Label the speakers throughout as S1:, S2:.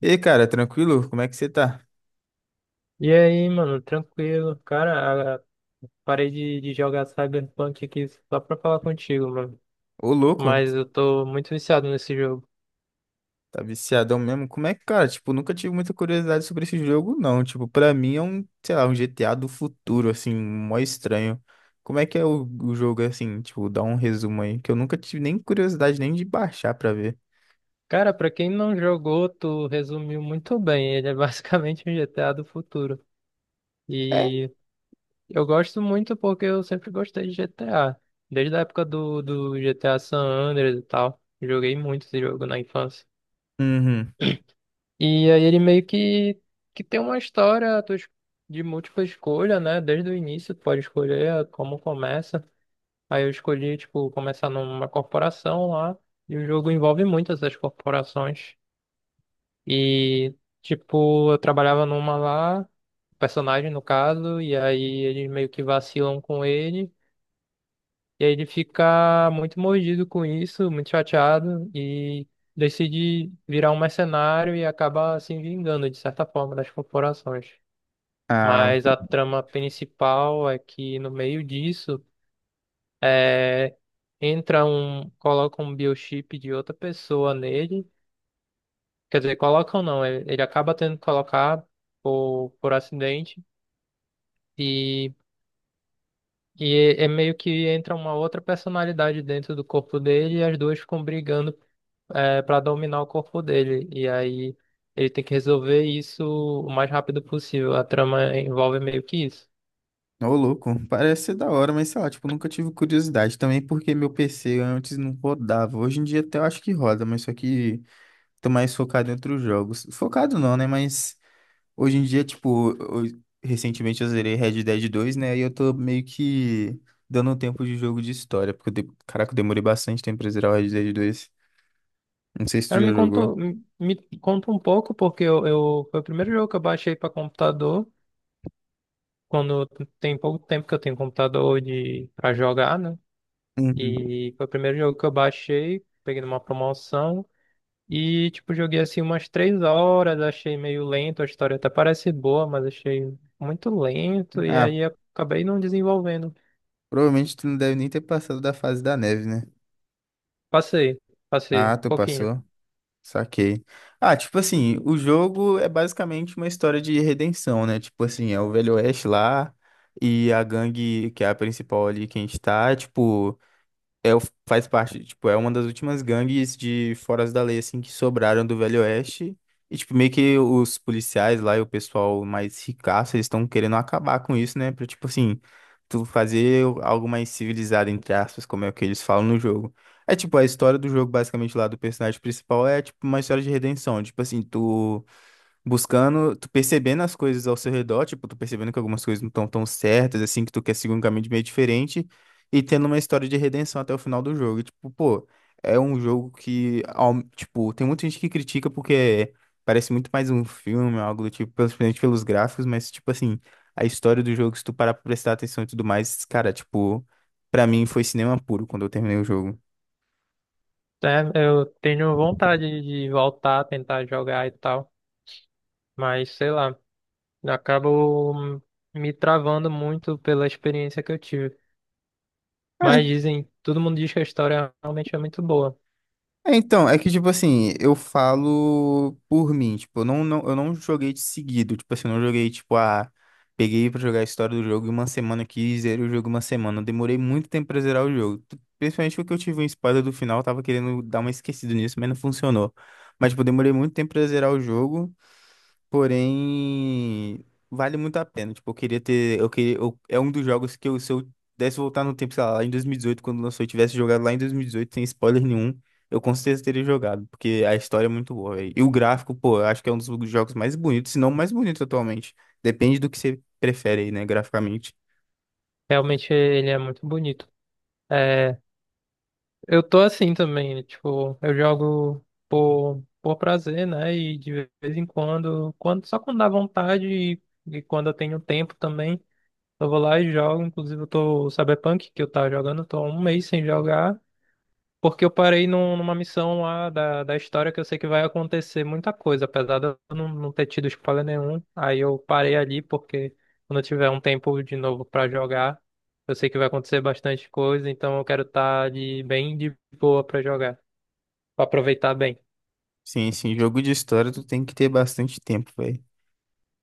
S1: E aí, cara, tranquilo? Como é que você tá?
S2: E aí, mano, tranquilo. Cara, parei de jogar Cyberpunk aqui só pra falar contigo, mano.
S1: Ô, louco,
S2: Mas eu tô muito viciado nesse jogo.
S1: tá viciadão mesmo? Como é que, cara, tipo, nunca tive muita curiosidade sobre esse jogo, não. Tipo, pra mim é um, sei lá, um GTA do futuro, assim, mó estranho. Como é que é o jogo, assim, tipo, dá um resumo aí, que eu nunca tive nem curiosidade nem de baixar pra ver.
S2: Cara, pra quem não jogou, tu resumiu muito bem. Ele é basicamente um GTA do futuro.
S1: É?
S2: E eu gosto muito porque eu sempre gostei de GTA. Desde a época do GTA San Andreas e tal. Joguei muito esse jogo na infância.
S1: Uhum.
S2: E aí ele meio que tem uma história de múltipla escolha, né? Desde o início tu pode escolher como começa. Aí eu escolhi, tipo, começar numa corporação lá. E o jogo envolve muitas das corporações. E, tipo, eu trabalhava numa lá, personagem no caso, e aí eles meio que vacilam com ele. E aí ele fica muito mordido com isso, muito chateado e decide virar um mercenário e acaba se vingando, de certa forma, das corporações.
S1: Ah,
S2: Mas a trama principal é que no meio disso é, entra um, coloca um biochip de outra pessoa nele. Quer dizer, colocam não, ele acaba tendo que colocar por acidente e e meio que entra uma outra personalidade dentro do corpo dele e as duas ficam brigando para dominar o corpo dele. E aí ele tem que resolver isso o mais rápido possível. A trama envolve meio que isso.
S1: ô, louco, parece ser da hora, mas sei lá, tipo, nunca tive curiosidade também, porque meu PC antes não rodava. Hoje em dia até eu acho que roda, mas só que tô mais focado em outros jogos. Focado não, né, mas... Hoje em dia, tipo, recentemente eu zerei Red Dead 2, né? E eu tô meio que dando um tempo de jogo de história, porque, caraca, eu demorei bastante tempo pra zerar o Red Dead 2. Não sei se tu
S2: Cara,
S1: já
S2: me conta,
S1: jogou.
S2: me conta um pouco, porque foi o primeiro jogo que eu baixei para computador, quando tem pouco tempo que eu tenho computador de para jogar, né?
S1: Uhum.
S2: E foi o primeiro jogo que eu baixei, peguei numa promoção. E, tipo, joguei assim umas três horas, achei meio lento, a história até parece boa, mas achei muito lento, e
S1: Ah,
S2: aí acabei não desenvolvendo.
S1: provavelmente tu não deve nem ter passado da fase da neve, né?
S2: Passei, passei,
S1: Ah,
S2: um
S1: tu
S2: pouquinho.
S1: passou. Saquei. Ah, tipo assim, o jogo é basicamente uma história de redenção, né? Tipo assim, é o Velho Oeste lá e a gangue, que é a principal ali que a gente tá, tipo. É, faz parte, tipo, é uma das últimas gangues de foras da lei, assim, que sobraram do Velho Oeste. E, tipo, meio que os policiais lá e o pessoal mais ricaço, eles estão querendo acabar com isso, né? Pra, tipo, assim, tu fazer algo mais civilizado, entre aspas, como é o que eles falam no jogo. É, tipo, a história do jogo, basicamente, lá do personagem principal é, tipo, uma história de redenção. Tipo, assim, tu buscando, tu percebendo as coisas ao seu redor, tipo, tu percebendo que algumas coisas não estão tão certas, assim, que tu quer seguir um caminho de meio diferente, e tendo uma história de redenção até o final do jogo. E, tipo, pô, é um jogo que, tipo, tem muita gente que critica porque parece muito mais um filme, algo do tipo, principalmente pelos gráficos, mas, tipo, assim, a história do jogo, se tu parar pra prestar atenção e tudo mais, cara, tipo, pra mim foi cinema puro quando eu terminei o jogo.
S2: É, eu tenho vontade de voltar, tentar jogar e tal, mas sei lá, acabo me travando muito pela experiência que eu tive. Mas dizem, todo mundo diz que a história realmente é muito boa.
S1: É, então, é que, tipo assim, eu falo por mim, tipo, eu não joguei de seguido, tipo assim, eu não joguei, tipo, ah, peguei pra jogar a história do jogo e uma semana aqui, e zerei o jogo uma semana, eu demorei muito tempo pra zerar o jogo. Principalmente porque eu tive um spoiler do final, eu tava querendo dar uma esquecida nisso, mas não funcionou, mas, tipo, eu demorei muito tempo pra zerar o jogo. Porém, vale muito a pena. Tipo, eu queria ter. É um dos jogos que eu, se eu pudesse voltar no tempo, sei lá, lá em 2018, quando lançou, eu tivesse jogado lá em 2018, sem spoiler nenhum, eu com certeza teria jogado, porque a história é muito boa, véi. E o gráfico, pô, eu acho que é um dos jogos mais bonitos, se não o mais bonito atualmente. Depende do que você prefere aí, né, graficamente.
S2: Realmente ele é muito bonito. É, eu tô assim também, tipo, eu jogo por prazer, né? E de vez em quando, quando, só quando dá vontade e quando eu tenho tempo também. Eu vou lá e jogo. Inclusive, eu tô o Cyberpunk que eu tava jogando, eu tô há um mês sem jogar. Porque eu parei numa missão lá da história que eu sei que vai acontecer muita coisa, apesar de eu não ter tido spoiler nenhum. Aí eu parei ali porque quando eu tiver um tempo de novo pra jogar, eu sei que vai acontecer bastante coisa, então eu quero estar de bem de boa pra jogar, pra aproveitar bem.
S1: Sim, sim, jogo de história tu tem que ter bastante tempo, velho.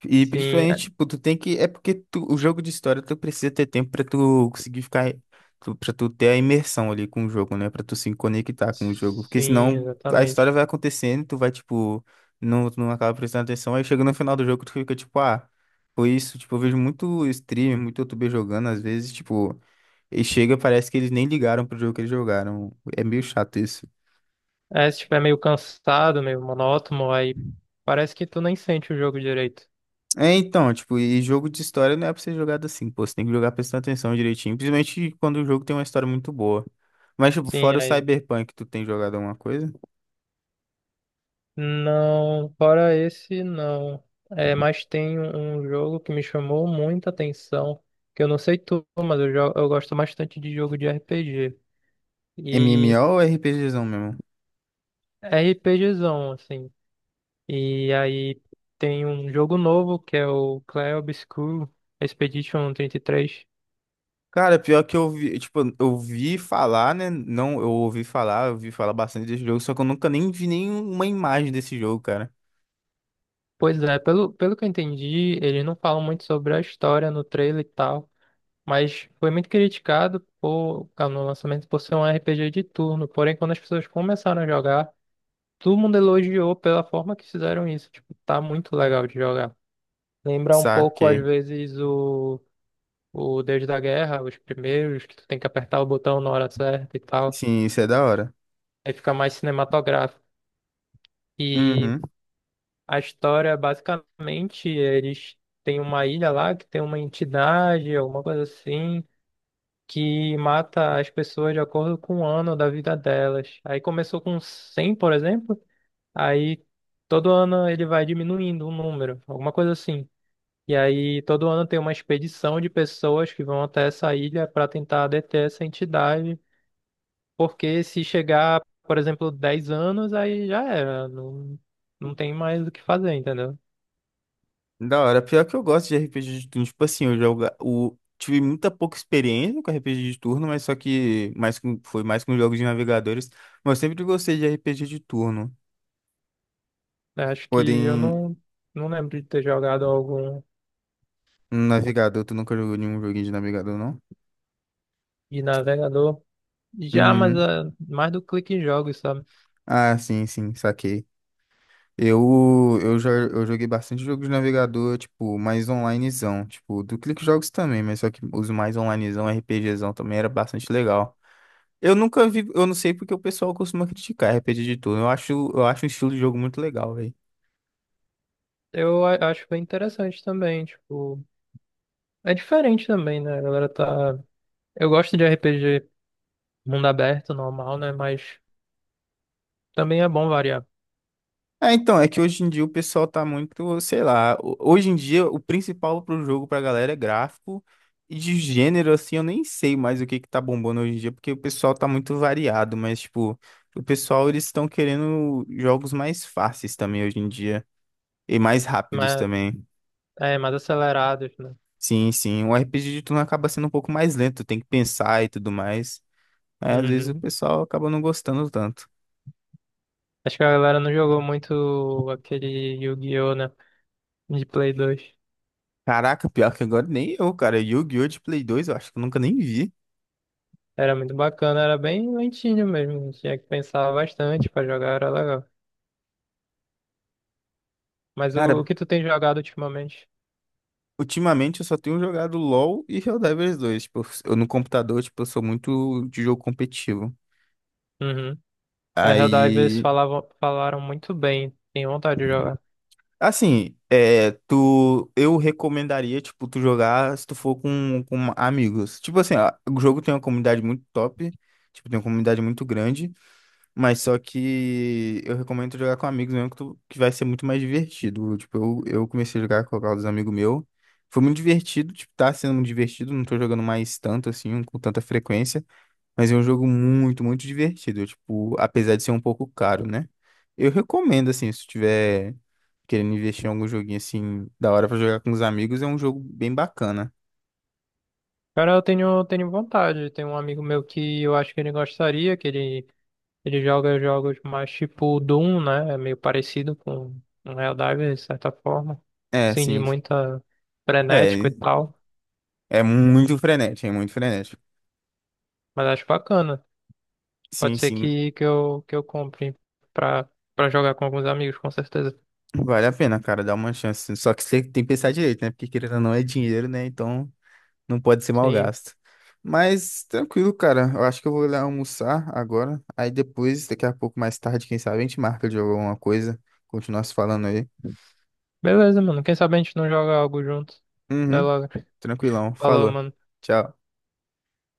S1: E
S2: Sim,
S1: principalmente, tipo, tu tem que. É porque o jogo de história tu precisa ter tempo pra tu conseguir ficar. Tu, pra tu ter a imersão ali com o jogo, né? Pra tu se conectar com o jogo. Porque
S2: sim,
S1: senão a história
S2: exatamente.
S1: vai acontecendo, tu vai, tipo. Não, tu não acaba prestando atenção. Aí chega no final do jogo, tu fica tipo, ah, foi isso. Tipo, eu vejo muito streamer, muito youtuber jogando, às vezes, tipo. E chega, parece que eles nem ligaram pro jogo que eles jogaram. É meio chato isso.
S2: É, se estiver meio cansado, meio monótono, aí parece que tu nem sente o jogo direito.
S1: É, então, tipo, e jogo de história não é pra ser jogado assim, pô, você tem que jogar prestando atenção direitinho, principalmente quando o jogo tem uma história muito boa. Mas, tipo,
S2: Sim,
S1: fora o
S2: aí.
S1: Cyberpunk, tu tem jogado alguma coisa?
S2: Não, fora esse, não. É, mas tem um jogo que me chamou muita atenção, que eu não sei tu, mas eu gosto bastante de jogo de RPG. E
S1: MMO ou RPGzão mesmo?
S2: RPGzão, assim. E aí tem um jogo novo que é o Clair Obscur Expedition 33.
S1: Cara, pior que eu vi, tipo, eu vi falar, né? Não, eu ouvi falar bastante desse jogo, só que eu nunca nem vi nenhuma imagem desse jogo, cara.
S2: Pois é, pelo que eu entendi, eles não falam muito sobre a história no trailer e tal. Mas foi muito criticado por, no lançamento por ser um RPG de turno. Porém, quando as pessoas começaram a jogar, todo mundo elogiou pela forma que fizeram isso. Tipo, tá muito legal de jogar. Lembra um pouco, às
S1: Saquei.
S2: vezes, o Deus da Guerra, os primeiros, que tu tem que apertar o botão na hora certa e tal.
S1: Sim, isso é da hora.
S2: Aí fica mais cinematográfico. E
S1: Uhum.
S2: a história, basicamente, eles têm uma ilha lá que tem uma entidade, alguma coisa assim, que mata as pessoas de acordo com o ano da vida delas. Aí começou com 100, por exemplo, aí todo ano ele vai diminuindo o número, alguma coisa assim. E aí todo ano tem uma expedição de pessoas que vão até essa ilha para tentar deter essa entidade, porque se chegar, por exemplo, 10 anos, aí já era, não, não tem mais o que fazer, entendeu?
S1: Da hora, pior que eu gosto de RPG de turno. Tipo assim, tive muita pouca experiência com RPG de turno, mas só que mais com... foi mais com jogos de navegadores. Mas eu sempre gostei de RPG de turno.
S2: Eu acho que eu
S1: Porém,
S2: não, não lembro de ter jogado algum
S1: um navegador, tu nunca jogou nenhum joguinho de navegador, não?
S2: de navegador. Já, mas
S1: Uhum.
S2: é mais do clique em jogos, sabe?
S1: Ah, sim, sim, saquei. Eu joguei bastante jogos de navegador, tipo, mais onlinezão. Tipo, do Clique Jogos também, mas só que os mais onlinezão, RPGzão também era bastante legal. Eu nunca vi, eu não sei porque o pessoal costuma criticar RPG de turno. Eu acho um estilo de jogo muito legal, velho.
S2: Eu acho bem interessante também, tipo, é diferente também, né? A galera tá. Eu gosto de RPG mundo aberto, normal, né? Mas também é bom variar.
S1: É, então, é que hoje em dia o pessoal tá muito, sei lá, hoje em dia o principal pro jogo pra galera é gráfico e de gênero assim, eu nem sei mais o que que tá bombando hoje em dia, porque o pessoal tá muito variado, mas tipo, o pessoal eles estão querendo jogos mais fáceis também hoje em dia e mais rápidos
S2: Mas
S1: também.
S2: é mais acelerados, né?
S1: Sim, sim, o RPG de turno acaba sendo um pouco mais lento, tem que pensar e tudo mais. É, às vezes o
S2: Uhum.
S1: pessoal acaba não gostando tanto.
S2: Acho que a galera não jogou muito aquele Yu-Gi-Oh, né? De Play 2.
S1: Caraca, pior que agora nem eu, cara. Yu-Gi-Oh! De Play 2, eu acho que eu nunca nem vi.
S2: Era muito bacana, era bem lentinho mesmo. Tinha que pensar bastante pra jogar, era legal. Mas o
S1: Cara,
S2: que tu tem jogado ultimamente?
S1: ultimamente eu só tenho jogado LoL e Helldivers 2. Tipo, eu no computador, tipo, eu sou muito de jogo competitivo.
S2: Uhum. É, Helldivers
S1: Aí,
S2: falavam, falaram muito bem. Tenho vontade de jogar.
S1: assim, é, tu, eu recomendaria, tipo, tu jogar se tu for com amigos. Tipo assim, ó, o jogo tem uma comunidade muito top, tipo, tem uma comunidade muito grande. Mas só que eu recomendo jogar com amigos mesmo, que, que vai ser muito mais divertido. Tipo, eu comecei a jogar com alguns amigos meu. Foi muito divertido, tipo, tá sendo muito divertido. Não tô jogando mais tanto, assim, com tanta frequência. Mas é um jogo muito divertido. Tipo, apesar de ser um pouco caro, né? Eu recomendo, assim, se tu tiver querendo investir em algum joguinho, assim, da hora pra jogar com os amigos, é um jogo bem bacana.
S2: Cara, eu tenho, tenho vontade. Tem um amigo meu que eu acho que ele gostaria, ele joga jogos mais tipo Doom, né? É meio parecido com um Helldivers, de certa forma.
S1: É,
S2: Assim, de
S1: sim.
S2: muita frenético
S1: É,
S2: e tal.
S1: é muito frenético, é muito frenético.
S2: Mas acho bacana. Pode
S1: Sim,
S2: ser
S1: sim.
S2: que eu compre pra, pra jogar com alguns amigos, com certeza.
S1: Vale a pena, cara, dar uma chance. Só que você tem que pensar direito, né? Porque querendo ou não é dinheiro, né? Então não pode ser mal
S2: Sim.
S1: gasto. Mas tranquilo, cara. Eu acho que eu vou lá almoçar agora. Aí depois, daqui a pouco, mais tarde, quem sabe, a gente marca de alguma coisa. Continuar se falando aí.
S2: Beleza, mano. Quem sabe a gente não joga algo junto. Até
S1: Uhum,
S2: logo.
S1: tranquilão.
S2: Falou,
S1: Falou.
S2: mano.
S1: Tchau.